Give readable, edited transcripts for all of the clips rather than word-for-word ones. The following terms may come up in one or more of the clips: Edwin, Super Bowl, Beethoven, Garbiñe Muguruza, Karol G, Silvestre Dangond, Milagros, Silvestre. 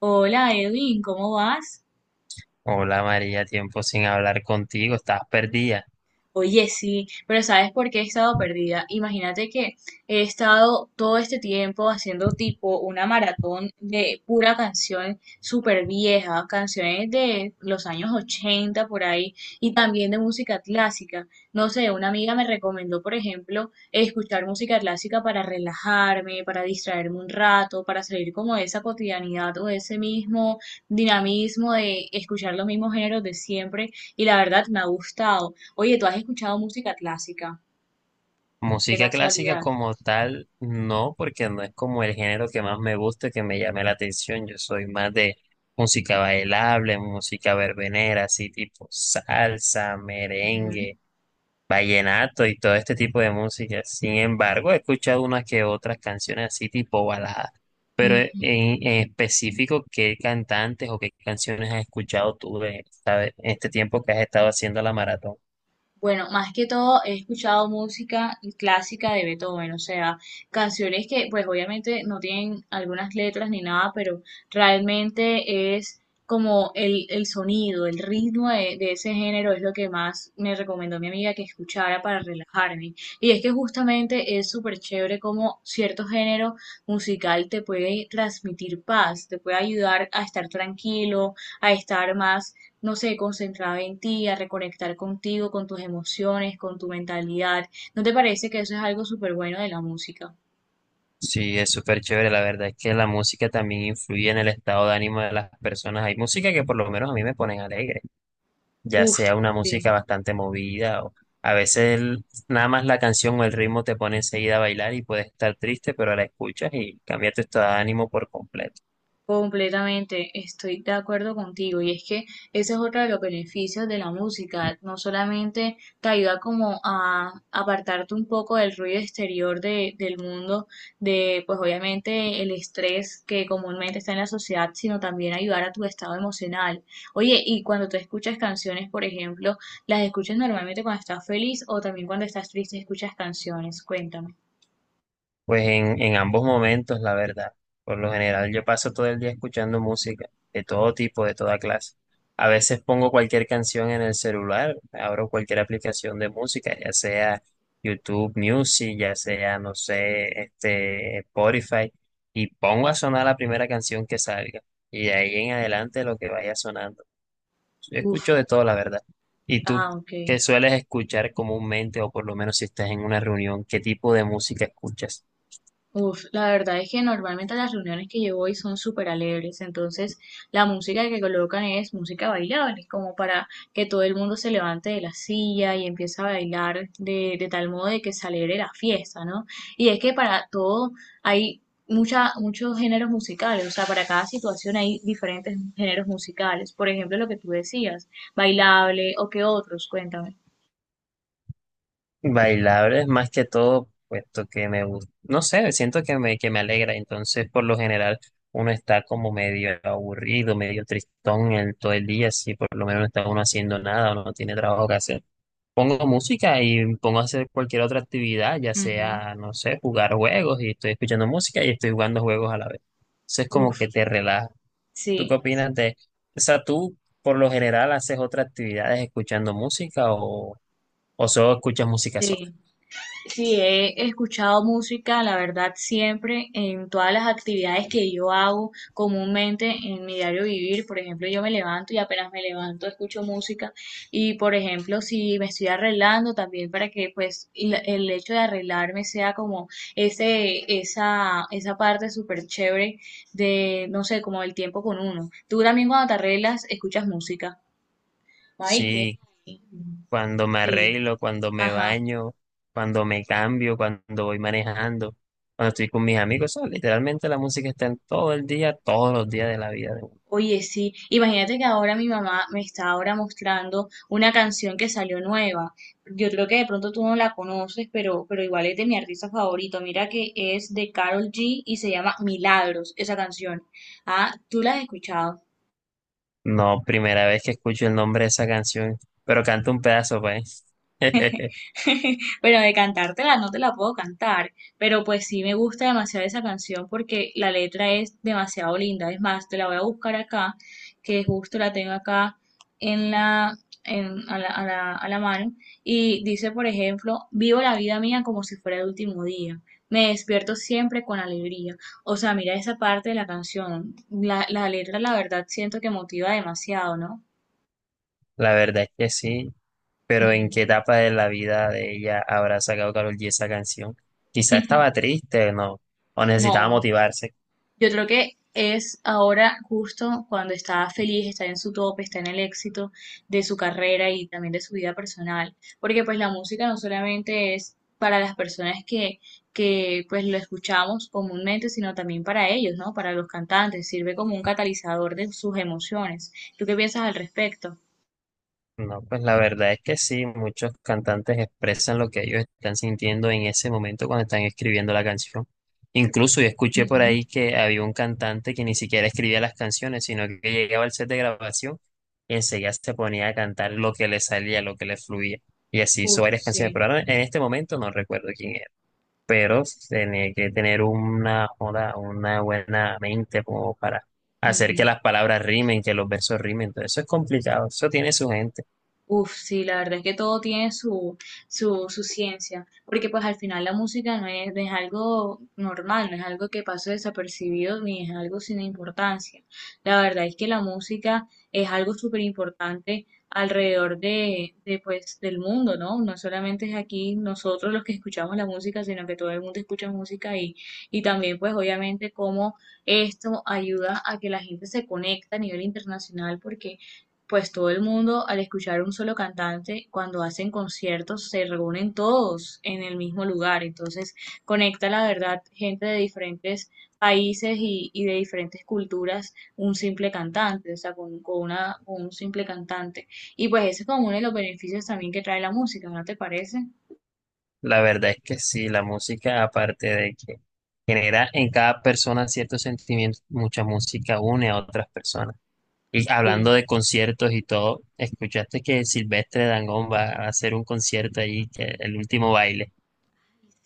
Hola Edwin, ¿cómo vas? Hola María, tiempo sin hablar contigo, estás perdida. Oye, sí, pero ¿sabes por qué he estado perdida? Imagínate que he estado todo este tiempo haciendo tipo una maratón de pura canción súper vieja, canciones de los años 80 por ahí y también de música clásica. No sé, una amiga me recomendó, por ejemplo, escuchar música clásica para relajarme, para distraerme un rato, para salir como de esa cotidianidad o de ese mismo dinamismo de escuchar los mismos géneros de siempre y la verdad me ha gustado. Oye, ¿tú has escuchado música clásica? De Música clásica casualidad. como tal, no, porque no es como el género que más me gusta, que me llame la atención. Yo soy más de música bailable, música verbenera, así tipo salsa, merengue, vallenato y todo este tipo de música. Sin embargo, he escuchado unas que otras canciones así tipo baladas. Pero en, Ujú. en específico, ¿qué cantantes o qué canciones has escuchado tú de en este tiempo que has estado haciendo la maratón? Bueno, más que todo he escuchado música clásica de Beethoven, o sea, canciones que pues obviamente no tienen algunas letras ni nada, pero realmente es como el sonido, el ritmo de ese género es lo que más me recomendó mi amiga que escuchara para relajarme. Y es que justamente es súper chévere como cierto género musical te puede transmitir paz, te puede ayudar a estar tranquilo, a estar más no sé, concentrada en ti, a reconectar contigo, con tus emociones, con tu mentalidad. ¿No te parece que eso es algo súper bueno de la música? Sí, es súper chévere. La verdad es que la música también influye en el estado de ánimo de las personas. Hay música que por lo menos a mí me ponen alegre, ya Uf, sea una sí. música bastante movida o a veces nada más la canción o el ritmo te pone enseguida a bailar y puedes estar triste, pero la escuchas y cambia tu estado de ánimo por completo. Completamente, estoy de acuerdo contigo. Y es que ese es otro de los beneficios de la música. No solamente te ayuda como a apartarte un poco del ruido exterior del mundo, de pues obviamente el estrés que comúnmente está en la sociedad, sino también ayudar a tu estado emocional. Oye, y cuando tú escuchas canciones, por ejemplo, ¿las escuchas normalmente cuando estás feliz o también cuando estás triste escuchas canciones? Cuéntame. Pues en ambos momentos, la verdad. Por lo general, yo paso todo el día escuchando música, de todo tipo, de toda clase. A veces pongo cualquier canción en el celular, abro cualquier aplicación de música, ya sea YouTube Music, ya sea, no sé, este, Spotify, y pongo a sonar la primera canción que salga. Y de ahí en adelante lo que vaya sonando. Yo Uf, escucho de todo, la verdad. ¿Y tú ah, ok. qué sueles escuchar comúnmente, o por lo menos si estás en una reunión, qué tipo de música escuchas? Uf, la verdad es que normalmente las reuniones que yo voy son súper alegres, entonces la música que colocan es música bailable, como para que todo el mundo se levante de la silla y empiece a bailar de tal modo de que se alegre la fiesta, ¿no? Y es que para todo hay muchos géneros musicales, o sea, para cada situación hay diferentes géneros musicales, por ejemplo, lo que tú decías, bailable o qué otros, cuéntame. Bailables más que todo, puesto que me gusta, no sé, siento que me alegra, entonces por lo general uno está como medio aburrido, medio tristón todo el día, si por lo menos no está uno haciendo nada o no tiene trabajo que hacer. Pongo música y pongo a hacer cualquier otra actividad, ya Ujú. sea, no sé, jugar juegos y estoy escuchando música y estoy jugando juegos a la vez. Entonces como que Uf, te relaja. ¿Tú qué sí, opinas de, o sea, tú por lo general haces otras actividades escuchando música o solo escuchas música sola? sí. Sí, he escuchado música, la verdad, siempre en todas las actividades que yo hago comúnmente en mi diario vivir. Por ejemplo, yo me levanto y apenas me levanto escucho música. Y por ejemplo, si me estoy arreglando también para que pues y el hecho de arreglarme sea como esa parte súper chévere de, no sé, como el tiempo con uno. Tú también cuando te arreglas escuchas música. Ay, qué. Sí, cuando me Sí, arreglo, cuando me ajá. baño, cuando me cambio, cuando voy manejando, cuando estoy con mis amigos, o sea, literalmente la música está en todo el día, todos los días de la vida. De uno. Oye, sí, imagínate que ahora mi mamá me está ahora mostrando una canción que salió nueva. Yo creo que de pronto tú no la conoces, pero igual es de mi artista favorito. Mira que es de Karol G y se llama Milagros, esa canción. Ah, ¿tú la has escuchado? No, primera vez que escucho el nombre de esa canción, pero canto un pedazo, pues. Pero de cantártela no te la puedo cantar, pero pues sí me gusta demasiado esa canción porque la letra es demasiado linda. Es más, te la voy a buscar acá, que justo la tengo acá en la, en- a la, a la, a la mano. Y dice, por ejemplo, vivo la vida mía como si fuera el último día. Me despierto siempre con alegría. O sea, mira esa parte de la canción. La letra, la verdad, siento que motiva demasiado, ¿no? La verdad es que sí, pero ¿en Ujú. qué etapa de la vida de ella habrá sacado Karol G esa canción? Quizá estaba triste, ¿no? O necesitaba No. motivarse. Yo creo que es ahora justo cuando está feliz, está en su tope, está en el éxito de su carrera y también de su vida personal, porque pues la música no solamente es para las personas que pues lo escuchamos comúnmente, sino también para ellos, ¿no? Para los cantantes, sirve como un catalizador de sus emociones. ¿Tú qué piensas al respecto? No, pues la verdad es que sí, muchos cantantes expresan lo que ellos están sintiendo en ese momento cuando están escribiendo la canción. Incluso yo escuché por Ujú. ahí que había un cantante que ni siquiera escribía las canciones, sino que llegaba al set de grabación y enseguida se ponía a cantar lo que le salía, lo que le fluía. Y así hizo Uf, varias sí. canciones, pero ahora en este momento no recuerdo quién era. Pero tenía que tener una, joda, una buena mente como para hacer que Ujú. las palabras rimen, que los versos rimen. Entonces eso es complicado, eso tiene su gente. Uf, sí, la verdad es que todo tiene su ciencia, porque pues al final la música no es algo normal, no es algo que pase desapercibido ni es algo sin importancia. La verdad es que la música es algo súper importante alrededor del mundo, ¿no? No solamente es aquí nosotros los que escuchamos la música, sino que todo el mundo escucha música y también pues obviamente cómo esto ayuda a que la gente se conecte a nivel internacional, porque pues todo el mundo al escuchar un solo cantante, cuando hacen conciertos, se reúnen todos en el mismo lugar. Entonces conecta la verdad gente de diferentes países y de diferentes culturas un simple cantante, o sea, con un simple cantante. Y pues ese es como uno de los beneficios también que trae la música, ¿no te parece? La verdad es que sí, la música, aparte de que genera en cada persona ciertos sentimientos, mucha música une a otras personas. Y hablando Sí. de conciertos y todo, escuchaste que Silvestre Dangond va a hacer un concierto ahí, que el último baile,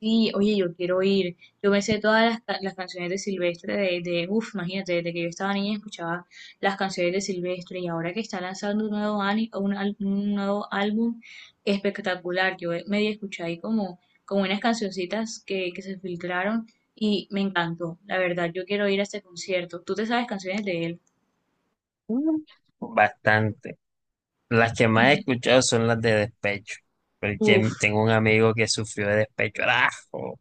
Sí, oye, yo quiero ir. Yo me sé todas las canciones de Silvestre, de uff, imagínate, desde que yo estaba niña escuchaba las canciones de Silvestre y ahora que está lanzando un nuevo, ani- un, al- un nuevo álbum espectacular. Yo medio escuché ahí como, unas cancioncitas que se filtraron y me encantó. La verdad, yo quiero ir a este concierto. ¿Tú te sabes canciones de él? bastante. Las que más he escuchado son las de despecho. Porque Uf. tengo un amigo que sufrió de despecho. ¡Arajo!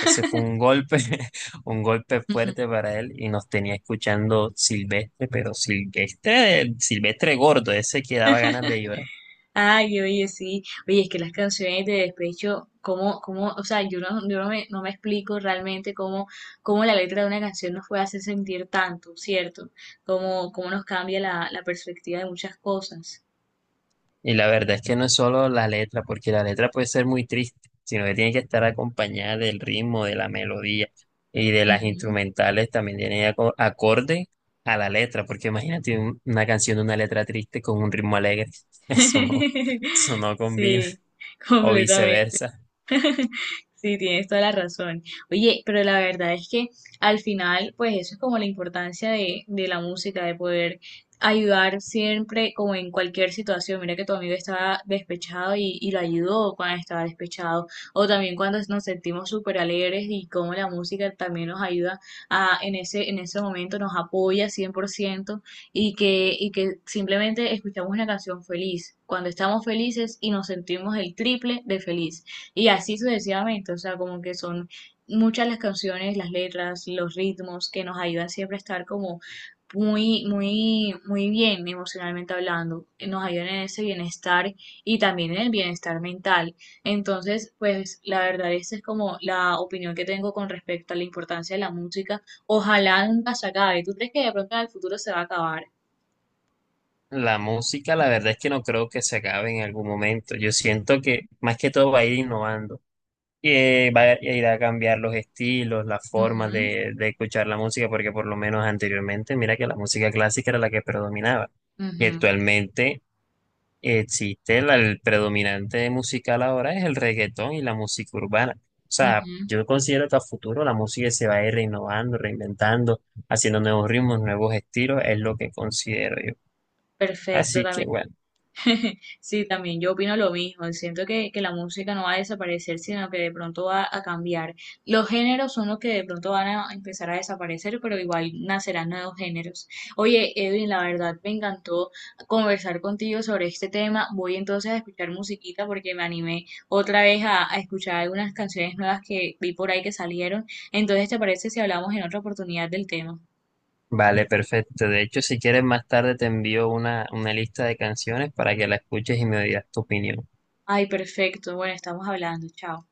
Ese fue un golpe, un golpe fuerte para él y nos tenía escuchando Silvestre, pero Silvestre gordo, ese que daba ganas de llorar. Ay, oye, sí. Oye, es que las canciones de despecho, cómo, o sea, yo no, yo no me, no me explico realmente cómo la letra de una canción nos puede hacer sentir tanto, ¿cierto? Cómo nos cambia la perspectiva de muchas cosas. Y la verdad es que no es solo la letra, porque la letra puede ser muy triste, sino que tiene que estar acompañada del ritmo, de la melodía y de las Ujú. instrumentales también tiene acorde a la letra, porque imagínate una canción de una letra triste con un ritmo alegre, eso no, eso no combina, Sí, o completamente. viceversa. Sí, tienes toda la razón. Oye, pero la verdad es que al final, pues eso es como la importancia de la música, de poder ayudar siempre, como en cualquier situación. Mira que tu amigo estaba despechado y lo ayudó cuando estaba despechado. O también cuando nos sentimos súper alegres y cómo la música también nos ayuda en ese momento nos apoya 100% y que simplemente escuchamos una canción feliz. Cuando estamos felices y nos sentimos el triple de feliz. Y así sucesivamente, o sea, como que son muchas las canciones, las letras, los ritmos que nos ayudan siempre a estar como muy, muy, muy bien emocionalmente hablando, nos ayudan en ese bienestar y también en el bienestar mental. Entonces, pues la verdad, esa es como la opinión que tengo con respecto a la importancia de la música. Ojalá nunca se acabe. ¿Tú crees que de pronto en el futuro se va a acabar? La música, la verdad es que no creo que se acabe en algún momento. Yo siento que más que todo va a ir innovando. Va a ir a cambiar los estilos, las formas Ujú, de escuchar la música, porque por lo menos anteriormente, mira que la música clásica era la que predominaba. Y ujú, actualmente existe el predominante musical ahora es el reggaetón y la música urbana. O sea, ujú. yo considero que a futuro la música se va a ir renovando, reinventando, haciendo nuevos ritmos, nuevos estilos, es lo que considero yo. Perfecto, Así que también. bueno. Sí, también yo opino lo mismo. Siento que la música no va a desaparecer, sino que de pronto va a cambiar. Los géneros son los que de pronto van a empezar a desaparecer, pero igual nacerán nuevos géneros. Oye, Edwin, la verdad me encantó conversar contigo sobre este tema. Voy entonces a escuchar musiquita porque me animé otra vez a escuchar algunas canciones nuevas que vi por ahí que salieron. Entonces, ¿te parece si hablamos en otra oportunidad del tema? Vale, perfecto. De hecho, si quieres más tarde te envío una lista de canciones para que la escuches y me digas tu opinión. Ay, perfecto. Bueno, estamos hablando. Chao.